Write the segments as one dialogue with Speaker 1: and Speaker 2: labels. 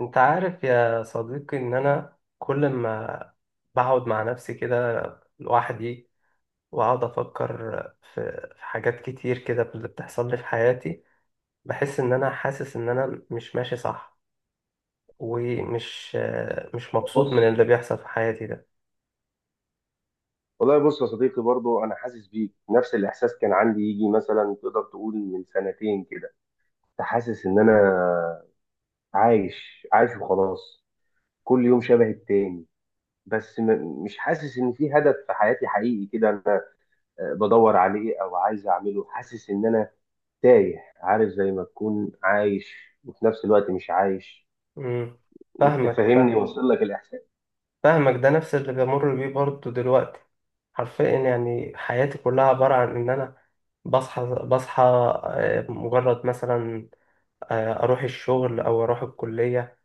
Speaker 1: انت عارف يا صديقي ان انا كل ما بقعد مع نفسي كده، لوحدي، واقعد افكر في حاجات كتير كده اللي بتحصل لي في حياتي. بحس ان انا حاسس ان انا مش ماشي صح. ومش مش مبسوط من
Speaker 2: بص،
Speaker 1: اللي بيحصل في حياتي ده.
Speaker 2: والله، بص يا صديقي، برضو انا حاسس بيك. نفس الاحساس كان عندي يجي مثلا تقدر تقول من سنتين كده. كنت حاسس ان انا عايش عايش وخلاص، كل يوم شبه التاني. بس مش حاسس ان في هدف في حياتي حقيقي كده. انا بدور عليه او عايز اعمله. حاسس ان انا تايه، عارف؟ زي ما تكون عايش وفي نفس الوقت مش عايش.
Speaker 1: امم
Speaker 2: انت
Speaker 1: فاهمك،
Speaker 2: فاهمني؟
Speaker 1: فاهم.
Speaker 2: وصل لك الاحساس؟
Speaker 1: فاهمك، ده نفس اللي بمر بيه برضه دلوقتي. حرفيا يعني حياتي كلها عبارة عن ان انا بصحى، مجرد مثلا، اروح الشغل او اروح الكليه،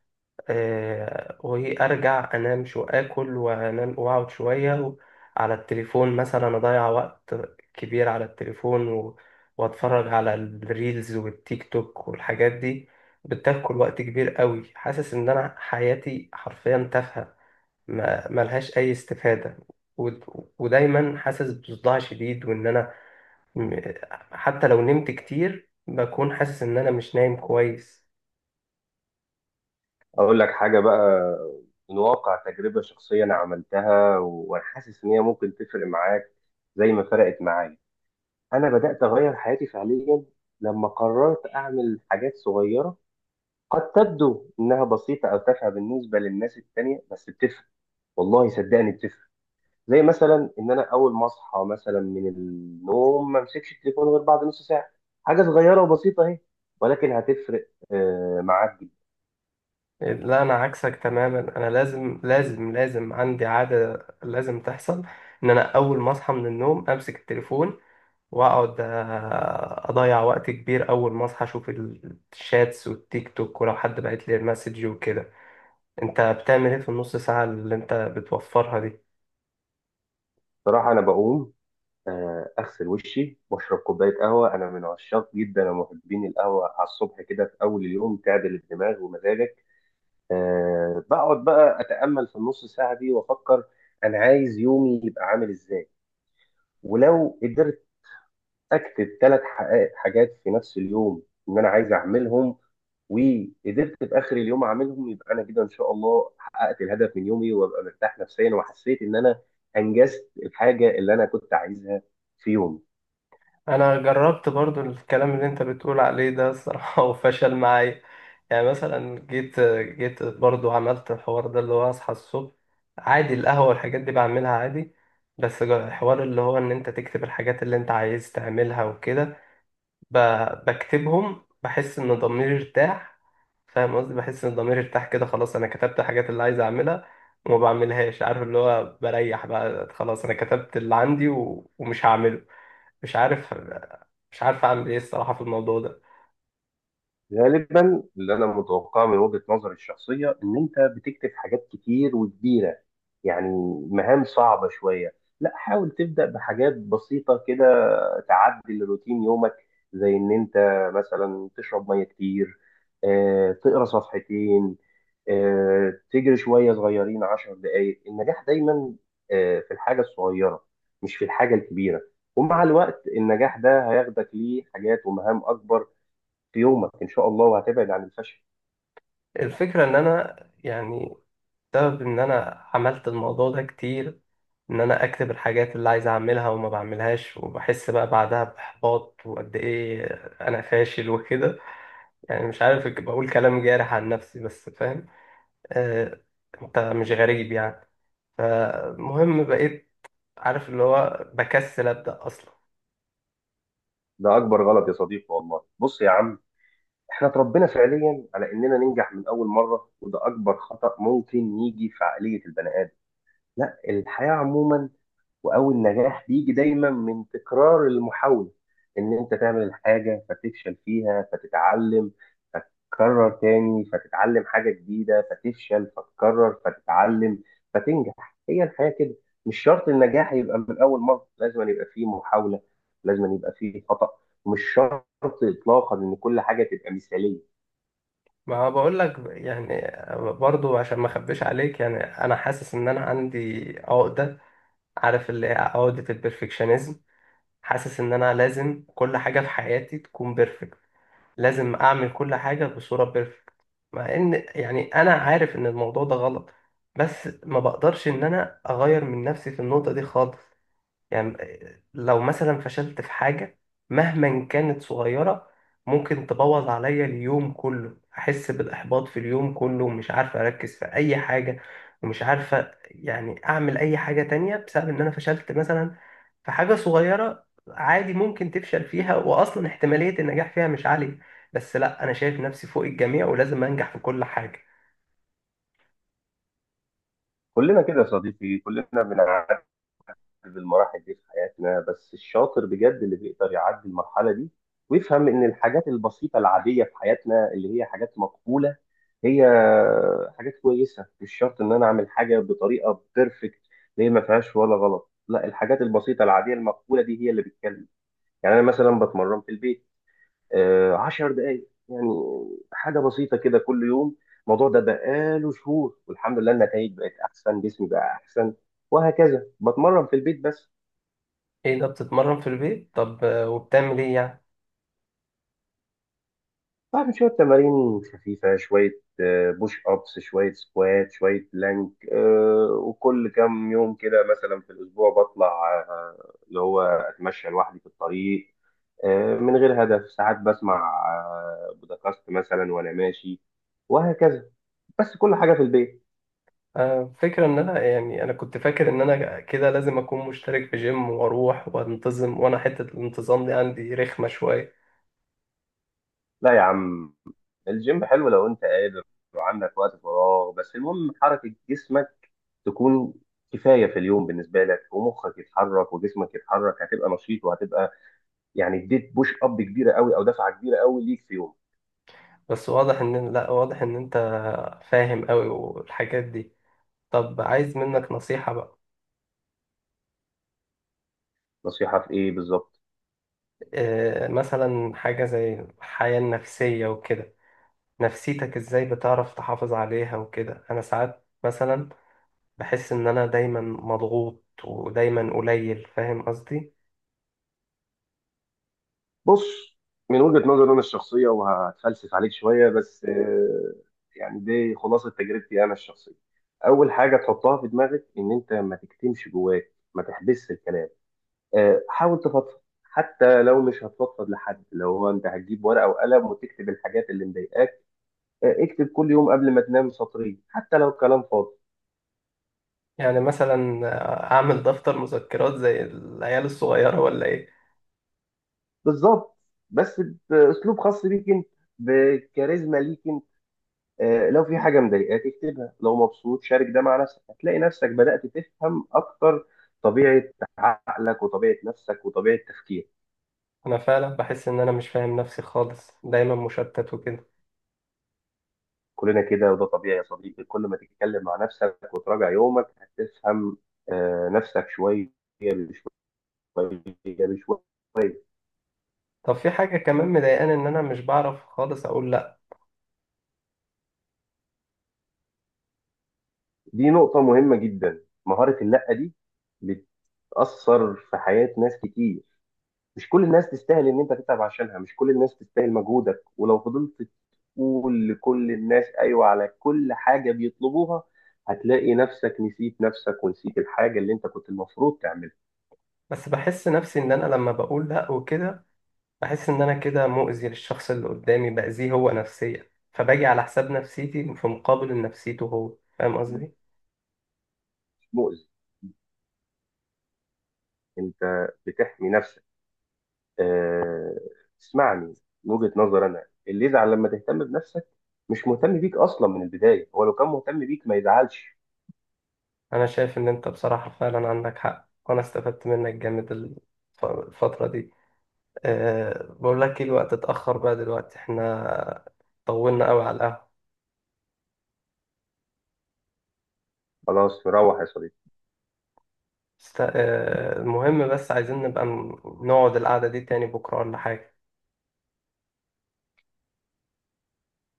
Speaker 1: وارجع انام. شو اكل وانام واقعد شويه على التليفون، مثلا اضيع وقت كبير على التليفون واتفرج على الريلز والتيك توك والحاجات دي. بتاكل وقت كبير قوي. حاسس ان انا حياتي حرفيا تافهه، ما ملهاش اي استفاده. و... ودايما حاسس بصداع شديد، وان انا م- حتى لو نمت كتير بكون حاسس ان انا مش نايم كويس.
Speaker 2: اقول لك حاجه بقى. من واقع تجربه شخصيه انا عملتها وانا حاسس ان هي ممكن تفرق معاك زي ما فرقت معايا. انا بدات اغير حياتي فعليا لما قررت اعمل حاجات صغيره، قد تبدو انها بسيطه او تافهه بالنسبه للناس التانية، بس بتفرق. والله صدقني بتفرق. زي مثلا ان انا اول ما اصحى مثلا من النوم ما امسكش التليفون غير بعد نص ساعه. حاجه صغيره وبسيطه اهي، ولكن هتفرق معاك.
Speaker 1: لا، انا عكسك تماما. انا لازم عندي عاده لازم تحصل، ان انا اول ما اصحى من النوم امسك التليفون. واقعد اضيع وقت كبير. اول ما اصحى اشوف الشاتس والتيك توك، ولو حد بعت لي مسج وكده. انت بتعمل ايه في النص ساعه اللي انت بتوفرها دي؟
Speaker 2: بصراحه انا بقوم اغسل وشي واشرب كوبايه قهوه. انا من عشاق جدا ومحبين القهوه على الصبح كده في اول اليوم، تعدل الدماغ ومزاجك. بقعد بقى اتامل في النص ساعه دي وافكر انا عايز يومي يبقى عامل ازاي. ولو قدرت اكتب 3 حاجات في نفس اليوم ان انا عايز اعملهم، وقدرت في اخر اليوم اعملهم، يبقى انا كده ان شاء الله حققت الهدف من يومي وابقى مرتاح نفسيا وحسيت ان انا انجزت الحاجه اللي انا كنت عايزها في يومي.
Speaker 1: انا جربت برضو الكلام اللي انت بتقول عليه ده الصراحة وفشل معايا. يعني مثلا جيت برضو عملت الحوار ده اللي هو اصحى الصبح عادي، القهوة والحاجات دي بعملها عادي. بس الحوار اللي هو ان انت تكتب الحاجات اللي انت عايز تعملها وكده، بكتبهم بحس ان ضميري ارتاح. فاهم قصدي؟ بحس ان ضميري ارتاح كده، خلاص انا كتبت الحاجات اللي عايز اعملها، وما بعملهاش. عارف اللي هو بريح بقى، خلاص انا كتبت اللي عندي ومش هعمله. مش عارف. مش عارف اعمل ايه الصراحه في الموضوع ده.
Speaker 2: غالبا اللي انا متوقعه من وجهة نظري الشخصيه ان انت بتكتب حاجات كتير وكبيره، يعني مهام صعبه شويه. لا، حاول تبدا بحاجات بسيطه كده، تعدل روتين يومك. زي ان انت مثلا تشرب ميه كتير، تقرا صفحتين، تجري شويه صغيرين 10 دقائق. النجاح دايما في الحاجه الصغيره مش في الحاجه الكبيره. ومع الوقت النجاح ده هياخدك ليه حاجات ومهام اكبر في يومك ان شاء الله، وهتبعد عن الفشل.
Speaker 1: الفكره ان انا يعني بسبب ان انا عملت الموضوع ده كتير، ان انا اكتب الحاجات اللي عايز اعملها وما بعملهاش، وبحس بقى بعدها باحباط وقد ايه انا فاشل وكده. يعني مش عارف، بقول كلام جارح عن نفسي بس فاهم. آه. انت مش غريب يعني. فالمهم بقيت، عارف اللي هو، بكسل ابدا اصلا.
Speaker 2: ده اكبر غلط يا صديقي، والله. بص يا عم، احنا اتربينا فعليا على اننا ننجح من اول مره، وده اكبر خطأ ممكن يجي في عقليه البني ادم، لا الحياه عموما. واول نجاح بيجي دايما من تكرار المحاوله، ان انت تعمل الحاجه فتفشل فيها فتتعلم، فتكرر تاني فتتعلم حاجه جديده، فتفشل فتكرر فتتعلم فتنجح. هي الحياه كده، مش شرط النجاح يبقى من اول مره. لازم يبقى فيه محاوله، لازم يبقى فيه خطا، مش شرط اطلاقا ان كل حاجه تبقى مثاليه.
Speaker 1: ما بقول لك يعني، برضو عشان ما اخبيش عليك، يعني انا حاسس ان انا عندي عقدة. عارف اللي هي عقدة البرفكشنزم. حاسس ان انا لازم كل حاجة في حياتي تكون بيرفكت، لازم اعمل كل حاجة بصورة بيرفكت. مع ان يعني انا عارف ان الموضوع ده غلط، بس ما بقدرش ان انا اغير من نفسي في النقطة دي خالص. يعني لو مثلا فشلت في حاجة مهما كانت صغيرة، ممكن تبوظ عليا اليوم كله. احس بالاحباط في اليوم كله ومش عارفة اركز في اي حاجة، ومش عارفة يعني اعمل اي حاجة تانية بسبب ان انا فشلت مثلا. فحاجة صغيرة عادي ممكن تفشل فيها وأصلا احتمالية النجاح فيها مش عالية، بس لا، أنا شايف نفسي فوق الجميع ولازم أنجح في كل حاجة.
Speaker 2: كلنا كده يا صديقي، كلنا في المراحل دي في حياتنا، بس الشاطر بجد اللي بيقدر يعدي المرحلة دي ويفهم إن الحاجات البسيطة العادية في حياتنا اللي هي حاجات مقبولة، هي حاجات كويسة. مش شرط إن أنا أعمل حاجة بطريقة بيرفكت اللي هي ما فيهاش ولا غلط، لا الحاجات البسيطة العادية المقبولة دي هي اللي بتكلم. يعني أنا مثلا بتمرن في البيت 10 دقايق يعني، حاجة بسيطة كده كل يوم. الموضوع ده بقاله شهور والحمد لله النتائج بقت أحسن، جسمي بقى أحسن. وهكذا، بتمرن في البيت بس.
Speaker 1: إيه ده، بتتمرن في البيت؟ طب وبتعمل إيه يعني؟
Speaker 2: بعمل شوية تمارين خفيفة، شوية بوش أبس، شوية سكوات، شوية بلانك. وكل كام يوم كده مثلا في الأسبوع بطلع اللي هو أتمشى لوحدي في الطريق من غير هدف. ساعات بسمع بودكاست مثلا وأنا ماشي. وهكذا، بس كل حاجة في البيت.
Speaker 1: فكرة إن أنا، يعني أنا كنت فاكر إن أنا كده لازم أكون مشترك في جيم وأروح وأنتظم، وأنا حتة الانتظام دي عندي رخمة شوية.
Speaker 2: لا يا عم، الجيم حلو لو أنت قادر وعندك وقت فراغ، بس المهم حركة جسمك تكون كفاية في اليوم بالنسبة لك. ومخك يتحرك وجسمك يتحرك، هتبقى نشيط، وهتبقى يعني اديت بوش اب كبيره قوي او دفعه كبيره قوي ليك في يوم.
Speaker 1: بس واضح إن، لأ، واضح إن أنت فاهم أوي والحاجات دي. طب عايز منك نصيحة بقى.
Speaker 2: نصيحه في ايه بالظبط؟
Speaker 1: مثلا حاجة زي الحياة النفسية وكده، نفسيتك ازاي بتعرف تحافظ عليها وكده؟ انا ساعات مثلا بحس ان انا دايما مضغوط ودايما قليل، فاهم قصدي؟
Speaker 2: بص، من وجهه نظري انا الشخصيه، وهتفلسف عليك شويه بس يعني دي خلاصه تجربتي انا الشخصيه. اول حاجه تحطها في دماغك ان انت ما تكتمش جواك، ما تحبسش الكلام. حاول تفضفض. حتى لو مش هتفضفض لحد، لو هو انت هتجيب ورقه وقلم وتكتب الحاجات اللي مضايقاك. اكتب كل يوم قبل ما تنام سطرين، حتى لو كلام فاضي.
Speaker 1: يعني مثلا اعمل دفتر مذكرات زي العيال الصغيرة ولا ايه؟
Speaker 2: بالظبط، بس باسلوب خاص بيك انت، بكاريزما ليك انت. لو في حاجه مضايقاك اكتبها، لو مبسوط شارك ده مع نفسك. هتلاقي نفسك بدات تفهم اكتر طبيعه عقلك وطبيعه نفسك وطبيعه تفكيرك.
Speaker 1: انا فعلا بحس ان انا مش فاهم نفسي خالص، دايما مشتت وكده.
Speaker 2: كلنا كده، وده طبيعي يا صديقي. كل ما تتكلم مع نفسك وتراجع يومك هتفهم نفسك شويه بشويه بشويه.
Speaker 1: طب في حاجة كمان مضايقاني، ان انا مش بعرف خالص اقول لا.
Speaker 2: دي نقطه مهمه جدا، مهاره اللأ دي بتأثر في حياة ناس كتير. مش كل الناس تستاهل ان انت تتعب عشانها، مش كل الناس تستاهل مجهودك. ولو فضلت تقول لكل الناس ايوه على كل حاجة بيطلبوها، هتلاقي نفسك نسيت نفسك ونسيت الحاجة اللي انت كنت المفروض تعملها.
Speaker 1: بس بحس نفسي ان انا لما بقول لا وكده، بحس ان انا كده مؤذي للشخص اللي قدامي، باذيه هو نفسيا، فباجي على حساب نفسيتي في مقابل نفسيته هو، فاهم قصدي؟
Speaker 2: مش مؤذي، انت بتحمي نفسك. آه، اسمعني، من وجهة نظر انا، اللي يزعل لما تهتم بنفسك مش مهتم بيك اصلا من البداية. هو لو كان مهتم بيك ما يزعلش.
Speaker 1: انا شايف ان انت بصراحه فعلا عندك حق، وانا استفدت منك جامد الفتره دي. أه، بقول لك ايه، الوقت اتاخر بقى دلوقتي، احنا طولنا قوي على القهوه.
Speaker 2: خلاص، نروح يا صديقي.
Speaker 1: أه، المهم، بس عايزين نبقى نقعد القعده دي تاني بكره ولا حاجه؟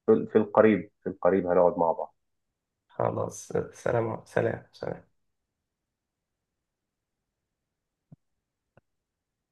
Speaker 2: في القريب، في القريب هنقعد مع بعض.
Speaker 1: خلاص، سلام سلام سلام.